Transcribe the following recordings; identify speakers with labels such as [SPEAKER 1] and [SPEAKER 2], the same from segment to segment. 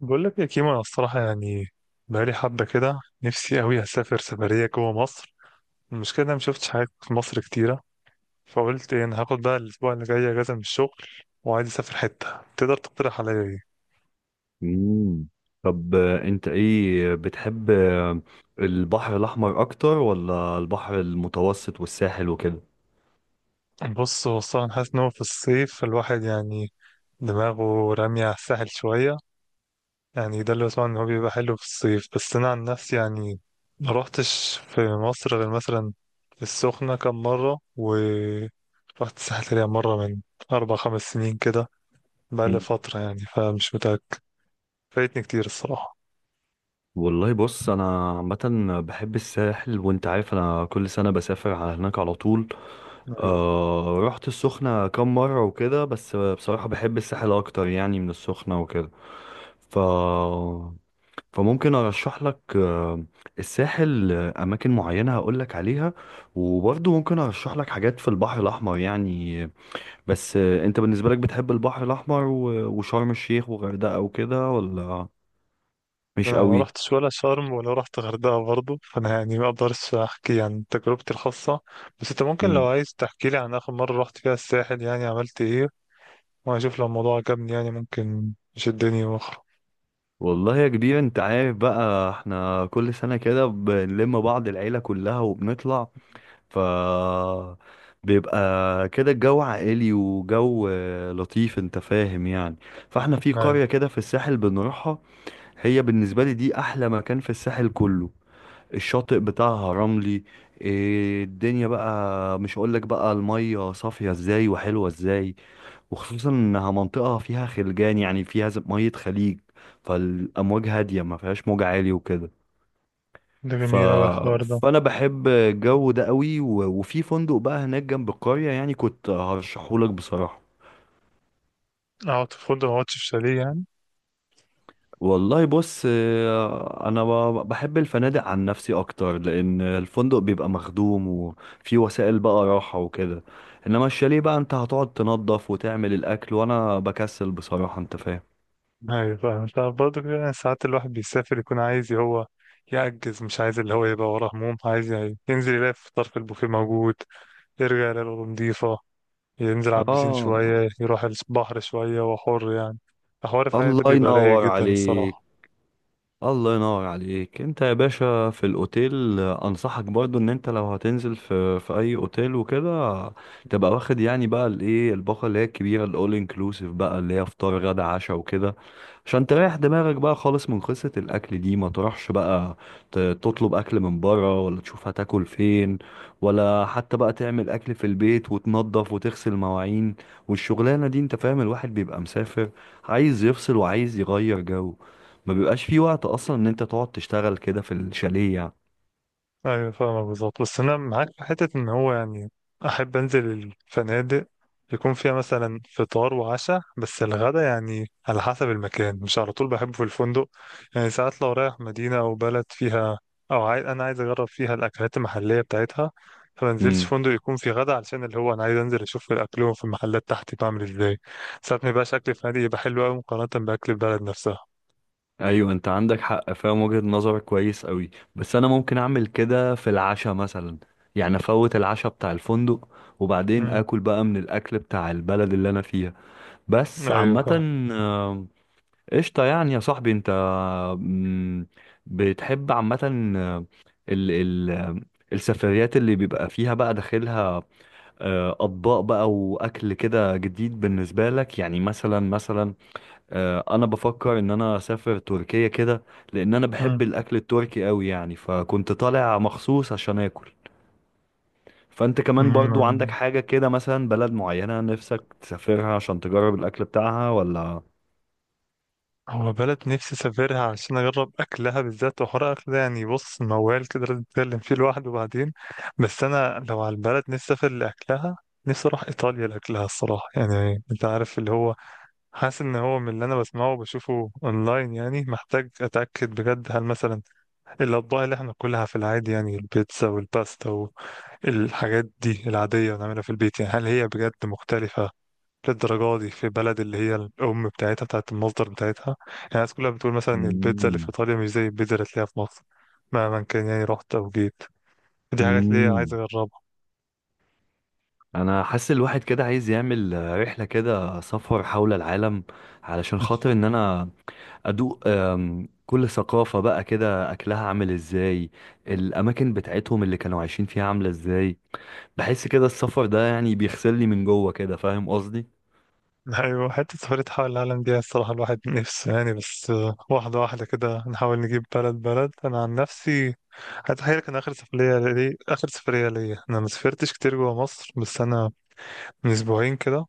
[SPEAKER 1] بقول لك يا كيمو، انا الصراحه يعني بقالي حبه كده نفسي قوي اسافر سفريه جوه مصر. المشكله إن انا مشفتش حاجات في مصر كتيره. فقلت إيه، انا هاخد بقى الاسبوع اللي جاي اجازه من الشغل، وعايز اسافر حته تقدر تقترح عليا.
[SPEAKER 2] مم. طب، انت ايه بتحب، البحر الاحمر اكتر ولا البحر المتوسط والساحل وكده؟
[SPEAKER 1] ايه، بص، هو الصراحه أنا حاسس ان هو في الصيف الواحد يعني دماغه راميه على الساحل شويه. يعني ده اللي بسمعه، ان هو بيبقى حلو في الصيف، بس انا عن نفسي يعني ما روحتش في مصر غير مثلا السخنة كم مرة، و رحت الساحل يعني مرة من 4 5 سنين كده. بقالي
[SPEAKER 2] مم.
[SPEAKER 1] فترة يعني فمش متأكد. فايتني كتير الصراحة.
[SPEAKER 2] والله بص، انا عامه بحب الساحل، وانت عارف انا كل سنه بسافر على هناك على طول.
[SPEAKER 1] أيوة.
[SPEAKER 2] رحت السخنه كام مره وكده، بس بصراحه بحب الساحل اكتر يعني من السخنه وكده. ف فممكن ارشح لك، الساحل، اماكن معينه هقول لك عليها، وبرضه ممكن ارشح لك حاجات في البحر الاحمر يعني. بس انت بالنسبه لك بتحب البحر الاحمر وشرم الشيخ وغردقه وكده، ولا مش
[SPEAKER 1] أنا ما
[SPEAKER 2] قوي؟
[SPEAKER 1] روحتش ولا شرم ولا روحت غردقة برضه، فأنا يعني ما أقدرش أحكي عن تجربتي الخاصة. بس أنت ممكن لو
[SPEAKER 2] مم.
[SPEAKER 1] عايز تحكي لي عن آخر مرة روحت فيها الساحل، يعني عملت إيه، وأشوف لو الموضوع عجبني يعني ممكن يشدني وأخرج.
[SPEAKER 2] والله يا كبير، انت عارف بقى احنا كل سنه كده بنلم بعض، العيله كلها وبنطلع. ف بيبقى كده الجو عائلي، وجو لطيف، انت فاهم يعني. فاحنا في قرية
[SPEAKER 1] أيوة.
[SPEAKER 2] كده في الساحل بنروحها. هي بالنسبة لي دي أحلى مكان في الساحل كله. الشاطئ بتاعها رملي. إيه الدنيا بقى! مش هقولك بقى المية صافية ازاي وحلوة ازاي. وخصوصا انها منطقة فيها خلجان، يعني فيها مية خليج، فالأمواج هادية، ما فيهاش موج عالي وكده.
[SPEAKER 1] ده
[SPEAKER 2] ف...
[SPEAKER 1] جميل أوي الحوار ده.
[SPEAKER 2] فأنا بحب الجو ده قوي وفي فندق بقى هناك جنب القرية، يعني كنت هرشحهولك بصراحة.
[SPEAKER 1] أقعد في فندق ما أقعدش في شاليه يعني؟
[SPEAKER 2] والله بص، انا بحب الفنادق عن نفسي اكتر، لان الفندق بيبقى مخدوم، وفي وسائل بقى راحة وكده. انما الشاليه بقى انت هتقعد تنظف وتعمل الاكل، وانا بكسل بصراحة، انت فاهم.
[SPEAKER 1] أيوة فاهم. أنت برضه كده يعني ساعات الواحد بيسافر يكون عايز هو يعجز، مش عايز اللي هو يبقى وراه هموم، عايز يعني ينزل يلاقي في طرف البوفيه موجود، يرجع يلاقي الأوضة نضيفة، ينزل على البسين
[SPEAKER 2] اه.
[SPEAKER 1] شوية، يروح البحر شوية وحر يعني. الحوار فعلا ده
[SPEAKER 2] الله
[SPEAKER 1] بيبقى رايق
[SPEAKER 2] ينور
[SPEAKER 1] جدا
[SPEAKER 2] عليك.
[SPEAKER 1] الصراحة.
[SPEAKER 2] الله ينور عليك انت يا باشا. في الاوتيل، انصحك برضو ان انت لو هتنزل في اي اوتيل وكده، تبقى واخد يعني بقى الايه، الباقه اللي هي الكبيره، الاول انكلوسيف بقى اللي هي فطار غدا عشاء وكده، عشان تريح دماغك بقى خالص من قصه الاكل دي. ما تروحش بقى تطلب اكل من بره، ولا تشوف هتاكل فين، ولا حتى بقى تعمل اكل في البيت وتنظف وتغسل مواعين. والشغلانه دي، انت فاهم، الواحد بيبقى مسافر، عايز يفصل وعايز يغير جو. ما بيبقاش في وقت اصلا ان انت تقعد تشتغل كده في الشاليه يعني.
[SPEAKER 1] ايوه فاهمك بالظبط، بس انا معاك في حته ان هو يعني احب انزل الفنادق يكون فيها مثلا فطار وعشاء، بس الغدا يعني على حسب المكان، مش على طول بحبه في الفندق. يعني ساعات لو رايح مدينه او بلد فيها، او عايز، انا عايز اجرب فيها الاكلات المحليه بتاعتها، فما انزلش
[SPEAKER 2] امم.
[SPEAKER 1] فندق يكون فيه غدا، علشان اللي هو انا عايز انزل اشوف الاكل في المحلات تحت بعمل ازاي. ساعات ما يبقاش اكل فنادق يبقى حلو قوي مقارنه باكل البلد نفسها.
[SPEAKER 2] ايوه، انت عندك حق، فاهم وجهة نظرك كويس قوي. بس انا ممكن اعمل كده في العشاء مثلا. يعني افوت العشاء بتاع الفندق، وبعدين
[SPEAKER 1] امم.
[SPEAKER 2] اكل بقى من الاكل بتاع البلد اللي انا فيها. بس
[SPEAKER 1] ايوه
[SPEAKER 2] عامة.
[SPEAKER 1] فاهم.
[SPEAKER 2] آه، قشطة يعني يا صاحبي انت. مم، بتحب عامة، آه، ال ال السفريات اللي بيبقى فيها بقى داخلها اطباق بقى واكل كده جديد بالنسبه لك يعني، مثلا انا بفكر ان انا اسافر تركيا كده، لان انا بحب الاكل التركي قوي يعني، فكنت طالع مخصوص عشان اكل. فانت كمان برضو عندك
[SPEAKER 1] مم.
[SPEAKER 2] حاجه كده، مثلا بلد معينه نفسك تسافرها عشان تجرب الاكل بتاعها ولا؟
[SPEAKER 1] هو بلد نفسي اسافرها عشان اجرب اكلها بالذات، وحوار اكل ده يعني بص موال كده لازم نتكلم فيه لوحده بعدين. بس انا لو على البلد نفسي اسافر لاكلها، نفسي اروح ايطاليا لاكلها الصراحه. يعني انت عارف اللي هو حاسس ان هو من اللي انا بسمعه وبشوفه اونلاين، يعني محتاج اتاكد بجد. هل مثلا الاطباق اللي احنا بناكلها في العادي، يعني البيتزا والباستا والحاجات دي العاديه ونعملها في البيت، يعني هل هي بجد مختلفه للدرجة دي في بلد اللي هي الأم بتاعتها بتاعت المصدر بتاعتها؟ يعني الناس كلها بتقول مثلا البيتزا اللي في
[SPEAKER 2] مم.
[SPEAKER 1] إيطاليا مش زي البيتزا اللي تلاقيها في مصر مهما كان، يعني رحت أو جيت. دي حاجات اللي هي عايز
[SPEAKER 2] مم.
[SPEAKER 1] أجربها.
[SPEAKER 2] انا حاسس الواحد كده عايز يعمل رحله، كده سفر حول العالم، علشان خاطر ان انا ادوق كل ثقافه بقى كده اكلها عامل ازاي، الاماكن بتاعتهم اللي كانوا عايشين فيها عامله ازاي. بحس كده السفر ده يعني بيغسلني من جوه كده، فاهم قصدي؟
[SPEAKER 1] أيوة، حتة سفرية حول العالم دي الصراحة الواحد نفسه يعني، بس واحدة واحدة كده نحاول نجيب بلد بلد. أنا عن نفسي هتخيل، كان آخر سفرية ليا. أنا ما سافرتش كتير جوا مصر، بس أنا من أسبوعين كده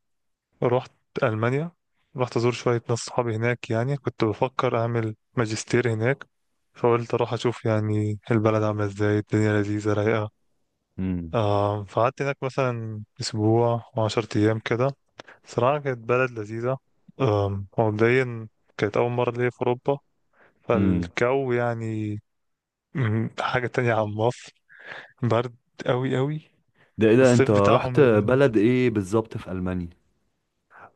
[SPEAKER 1] رحت ألمانيا. رحت أزور شوية ناس صحابي هناك، يعني كنت بفكر أعمل ماجستير هناك، فقلت أروح أشوف يعني البلد عاملة إزاي. الدنيا لذيذة رايقة.
[SPEAKER 2] امم.
[SPEAKER 1] آه فقعدت هناك مثلا أسبوع وعشرة أيام كده. صراحة كانت بلد لذيذة. هو مبدئيا كانت أول مرة ليا في أوروبا،
[SPEAKER 2] امم.
[SPEAKER 1] فالجو يعني، حاجة تانية عن مصر. برد أوي أوي.
[SPEAKER 2] ده ايه ده؟ انت
[SPEAKER 1] والصيف بتاعهم
[SPEAKER 2] رحت
[SPEAKER 1] اللي،
[SPEAKER 2] بلد ايه بالظبط في المانيا؟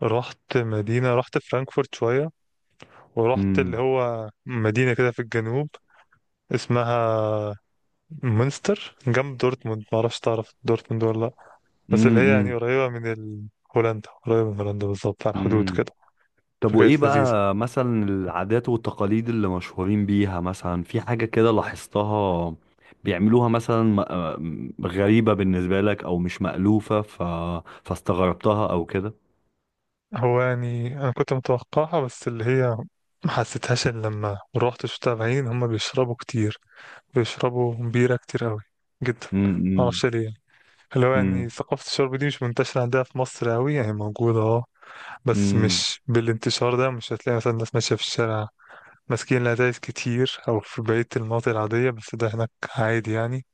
[SPEAKER 1] رحت مدينة، رحت فرانكفورت شوية، ورحت اللي
[SPEAKER 2] امم.
[SPEAKER 1] هو مدينة كده في الجنوب اسمها مونستر جنب دورتموند. معرفش تعرف دورتموند ولا لأ، بس اللي هي يعني قريبة من هولندا. قريبة من هولندا بالظبط على الحدود
[SPEAKER 2] امم.
[SPEAKER 1] كده.
[SPEAKER 2] طب وإيه
[SPEAKER 1] فكانت لذيذة.
[SPEAKER 2] بقى مثلا العادات والتقاليد اللي مشهورين بيها؟ مثلا في حاجة كده لاحظتها بيعملوها مثلا، غريبة بالنسبة لك أو مش مألوفة، فاستغربتها أو كده؟
[SPEAKER 1] هو يعني أنا كنت متوقعها بس اللي هي ما حسيتهاش إلا لما روحت شفتها بعينين هما بيشربوا كتير، بيشربوا بيرة كتير أوي جدا.
[SPEAKER 2] أمم.
[SPEAKER 1] معرفش ليه يعني. اللي هو يعني
[SPEAKER 2] أمم.
[SPEAKER 1] ثقافة الشرب دي مش منتشرة عندها في مصر أوي، يعني موجودة اه، بس
[SPEAKER 2] أمم.
[SPEAKER 1] مش بالانتشار ده. مش هتلاقي مثلا ناس ماشية في الشارع ماسكين الأتايس كتير أو في بقية المناطق العادية، بس ده هناك عادي يعني.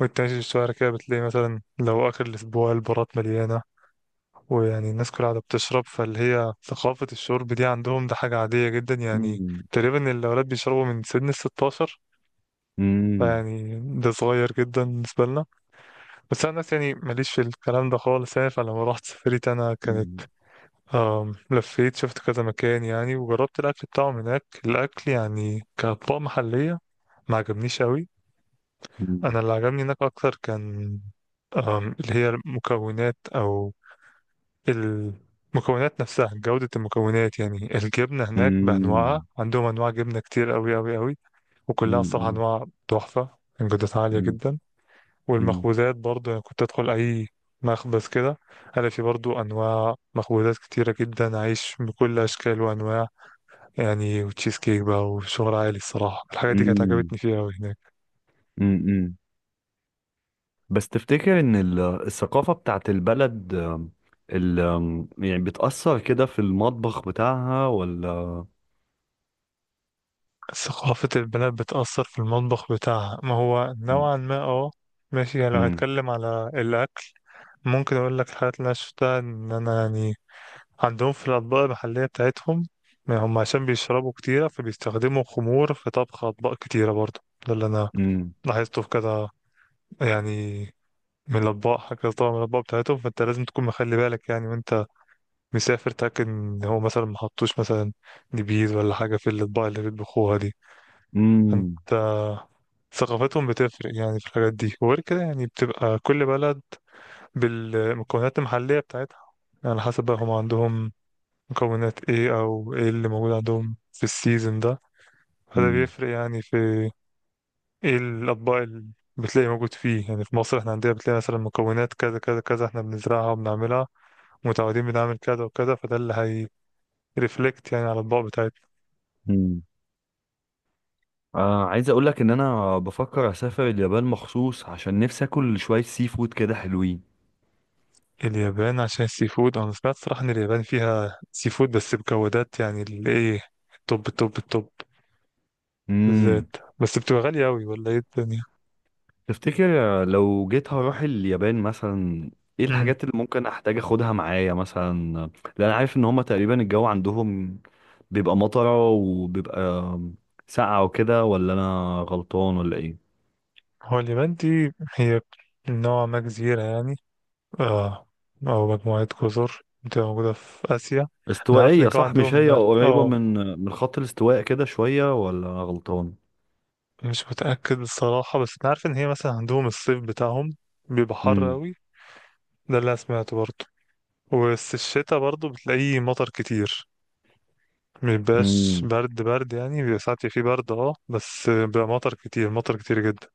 [SPEAKER 1] وانت ماشي في الشوارع كده بتلاقي مثلا لو آخر الأسبوع البارات مليانة، ويعني الناس كلها قاعدة بتشرب. فاللي هي ثقافة الشرب دي عندهم ده حاجة عادية جدا يعني.
[SPEAKER 2] أمم.
[SPEAKER 1] تقريبا الأولاد بيشربوا من سن 16، فيعني ده صغير جدا بالنسبة لنا. بس أنا الناس يعني ماليش في الكلام ده خالص. يعني فلما رحت سافرت أنا كانت،
[SPEAKER 2] أمم.
[SPEAKER 1] لفيت شفت كذا مكان، يعني وجربت الأكل بتاعهم هناك. الأكل يعني كأطباق محلية ما عجبنيش أوي. أنا اللي عجبني هناك أكتر كان اللي هي المكونات، أو المكونات نفسها، جودة المكونات. يعني الجبنة
[SPEAKER 2] أمم.
[SPEAKER 1] هناك بأنواعها،
[SPEAKER 2] أمم.
[SPEAKER 1] عندهم أنواع جبنة كتير أوي أوي أوي، وكلها
[SPEAKER 2] أمم.
[SPEAKER 1] الصراحة
[SPEAKER 2] أمم.
[SPEAKER 1] أنواع تحفة كان جودتها عالية
[SPEAKER 2] أمم.
[SPEAKER 1] جدا. والمخبوزات برضه، يعني كنت أدخل أي مخبز كده ألاقي في برضه أنواع مخبوزات كتيرة جدا، عيش بكل أشكال وأنواع يعني، وتشيز كيك بقى وشغل عالي الصراحة. الحاجات دي كانت
[SPEAKER 2] أمم.
[SPEAKER 1] عجبتني فيها أوي هناك.
[SPEAKER 2] أمم. أمم. بس تفتكر ان الثقافة بتاعت البلد، ال آم، يعني بتأثر كده في المطبخ بتاعها ولا؟
[SPEAKER 1] ثقافة البنات بتأثر في المطبخ بتاعها، ما هو
[SPEAKER 2] مم.
[SPEAKER 1] نوعا ما اه ماشي. يعني لو
[SPEAKER 2] مم.
[SPEAKER 1] هنتكلم على الأكل، ممكن أقول لك الحاجات اللي أنا شفتها. إن أنا يعني عندهم في الأطباق المحلية بتاعتهم، ما هم عشان بيشربوا كتيرة فبيستخدموا خمور في طبخ أطباق كتيرة برضه. ده اللي أنا
[SPEAKER 2] مم.
[SPEAKER 1] لاحظته في كذا يعني، من الأطباق كذا طبعا، من الأطباق بتاعتهم. فأنت لازم تكون مخلي بالك يعني وأنت مسافر، تاكد ان هو مثلا ما حطوش مثلا نبيذ ولا حاجه في الاطباق اللي بيطبخوها دي. فانت، ثقافتهم بتفرق يعني في الحاجات دي. وغير كده يعني بتبقى كل بلد بالمكونات المحليه بتاعتها، يعني على حسب بقى هم عندهم مكونات ايه، او ايه اللي موجود عندهم في السيزون ده، فده
[SPEAKER 2] مم.
[SPEAKER 1] بيفرق يعني في ايه الاطباق اللي بتلاقي موجود فيه. يعني في مصر احنا عندنا بتلاقي مثلا مكونات كذا كذا كذا، احنا بنزرعها وبنعملها، متعودين بنعمل كذا وكذا، فده اللي هي ريفلكت يعني على الاطباق بتاعتنا.
[SPEAKER 2] مم. عايز اقول لك ان انا بفكر اسافر اليابان مخصوص، عشان نفسي اكل شوية سي فود كده حلوين.
[SPEAKER 1] اليابان عشان السي فود، انا سمعت صراحة ان اليابان فيها سي فود، بس بجودات يعني اللي ايه توب توب توب،
[SPEAKER 2] مم.
[SPEAKER 1] بالذات. بس بتبقى غالية اوي ولا ايه الدنيا؟
[SPEAKER 2] تفتكر لو جيت هروح اليابان مثلا، ايه
[SPEAKER 1] امم.
[SPEAKER 2] الحاجات اللي ممكن احتاج اخدها معايا مثلا؟ لان انا عارف ان هما تقريبا الجو عندهم بيبقى مطرة، وبيبقى ساقعة وكده، ولا انا غلطان ولا ايه؟
[SPEAKER 1] هو اليابان دي هي نوع ما جزيرة يعني، اه، او مجموعة جزر بتبقى موجودة في اسيا. انا عارف ان
[SPEAKER 2] استوائية
[SPEAKER 1] الجو
[SPEAKER 2] صح؟ مش
[SPEAKER 1] عندهم
[SPEAKER 2] هي
[SPEAKER 1] بارد
[SPEAKER 2] قريبة
[SPEAKER 1] اه.
[SPEAKER 2] من خط الاستواء كده شوية، ولا انا غلطان؟
[SPEAKER 1] مش متأكد الصراحة، بس انا عارف ان هي مثلا عندهم الصيف بتاعهم بيبقى حر
[SPEAKER 2] امم.
[SPEAKER 1] اوي. ده اللي انا سمعته برضه. بس الشتا برضه بتلاقيه مطر كتير، مبيبقاش
[SPEAKER 2] امم.
[SPEAKER 1] برد برد يعني، بيبقى ساعات فيه برد اه، بس بيبقى مطر كتير مطر كتير جدا.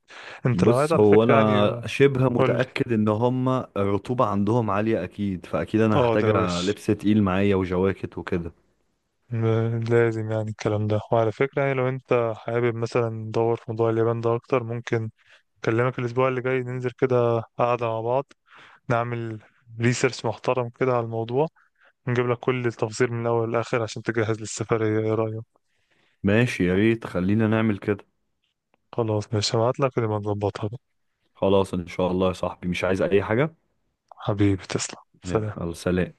[SPEAKER 1] انت لو عايز
[SPEAKER 2] بص،
[SPEAKER 1] على
[SPEAKER 2] هو
[SPEAKER 1] فكرة
[SPEAKER 2] انا
[SPEAKER 1] يعني،
[SPEAKER 2] شبه
[SPEAKER 1] قولي،
[SPEAKER 2] متأكد ان هما الرطوبة عندهم عالية اكيد، فاكيد انا
[SPEAKER 1] اه ده
[SPEAKER 2] هحتاج
[SPEAKER 1] وش
[SPEAKER 2] لبس تقيل معايا وجواكت وكده.
[SPEAKER 1] لازم يعني الكلام ده. وعلى فكرة يعني لو انت حابب مثلا ندور في موضوع اليابان ده اكتر، ممكن اكلمك الاسبوع اللي جاي ننزل كده قعدة مع بعض، نعمل ريسيرش محترم كده على الموضوع، نجيب لك كل التفاصيل من الاول للاخر عشان تجهز للسفرية. ايه رأيك؟
[SPEAKER 2] ماشي، يا ريت خلينا نعمل كده.
[SPEAKER 1] خلاص ماشي، هبعت لك ونبقى نظبطها بقى.
[SPEAKER 2] خلاص ان شاء الله يا صاحبي، مش عايز اي حاجة.
[SPEAKER 1] حبيبي تسلم. سلام.
[SPEAKER 2] يلا سلام.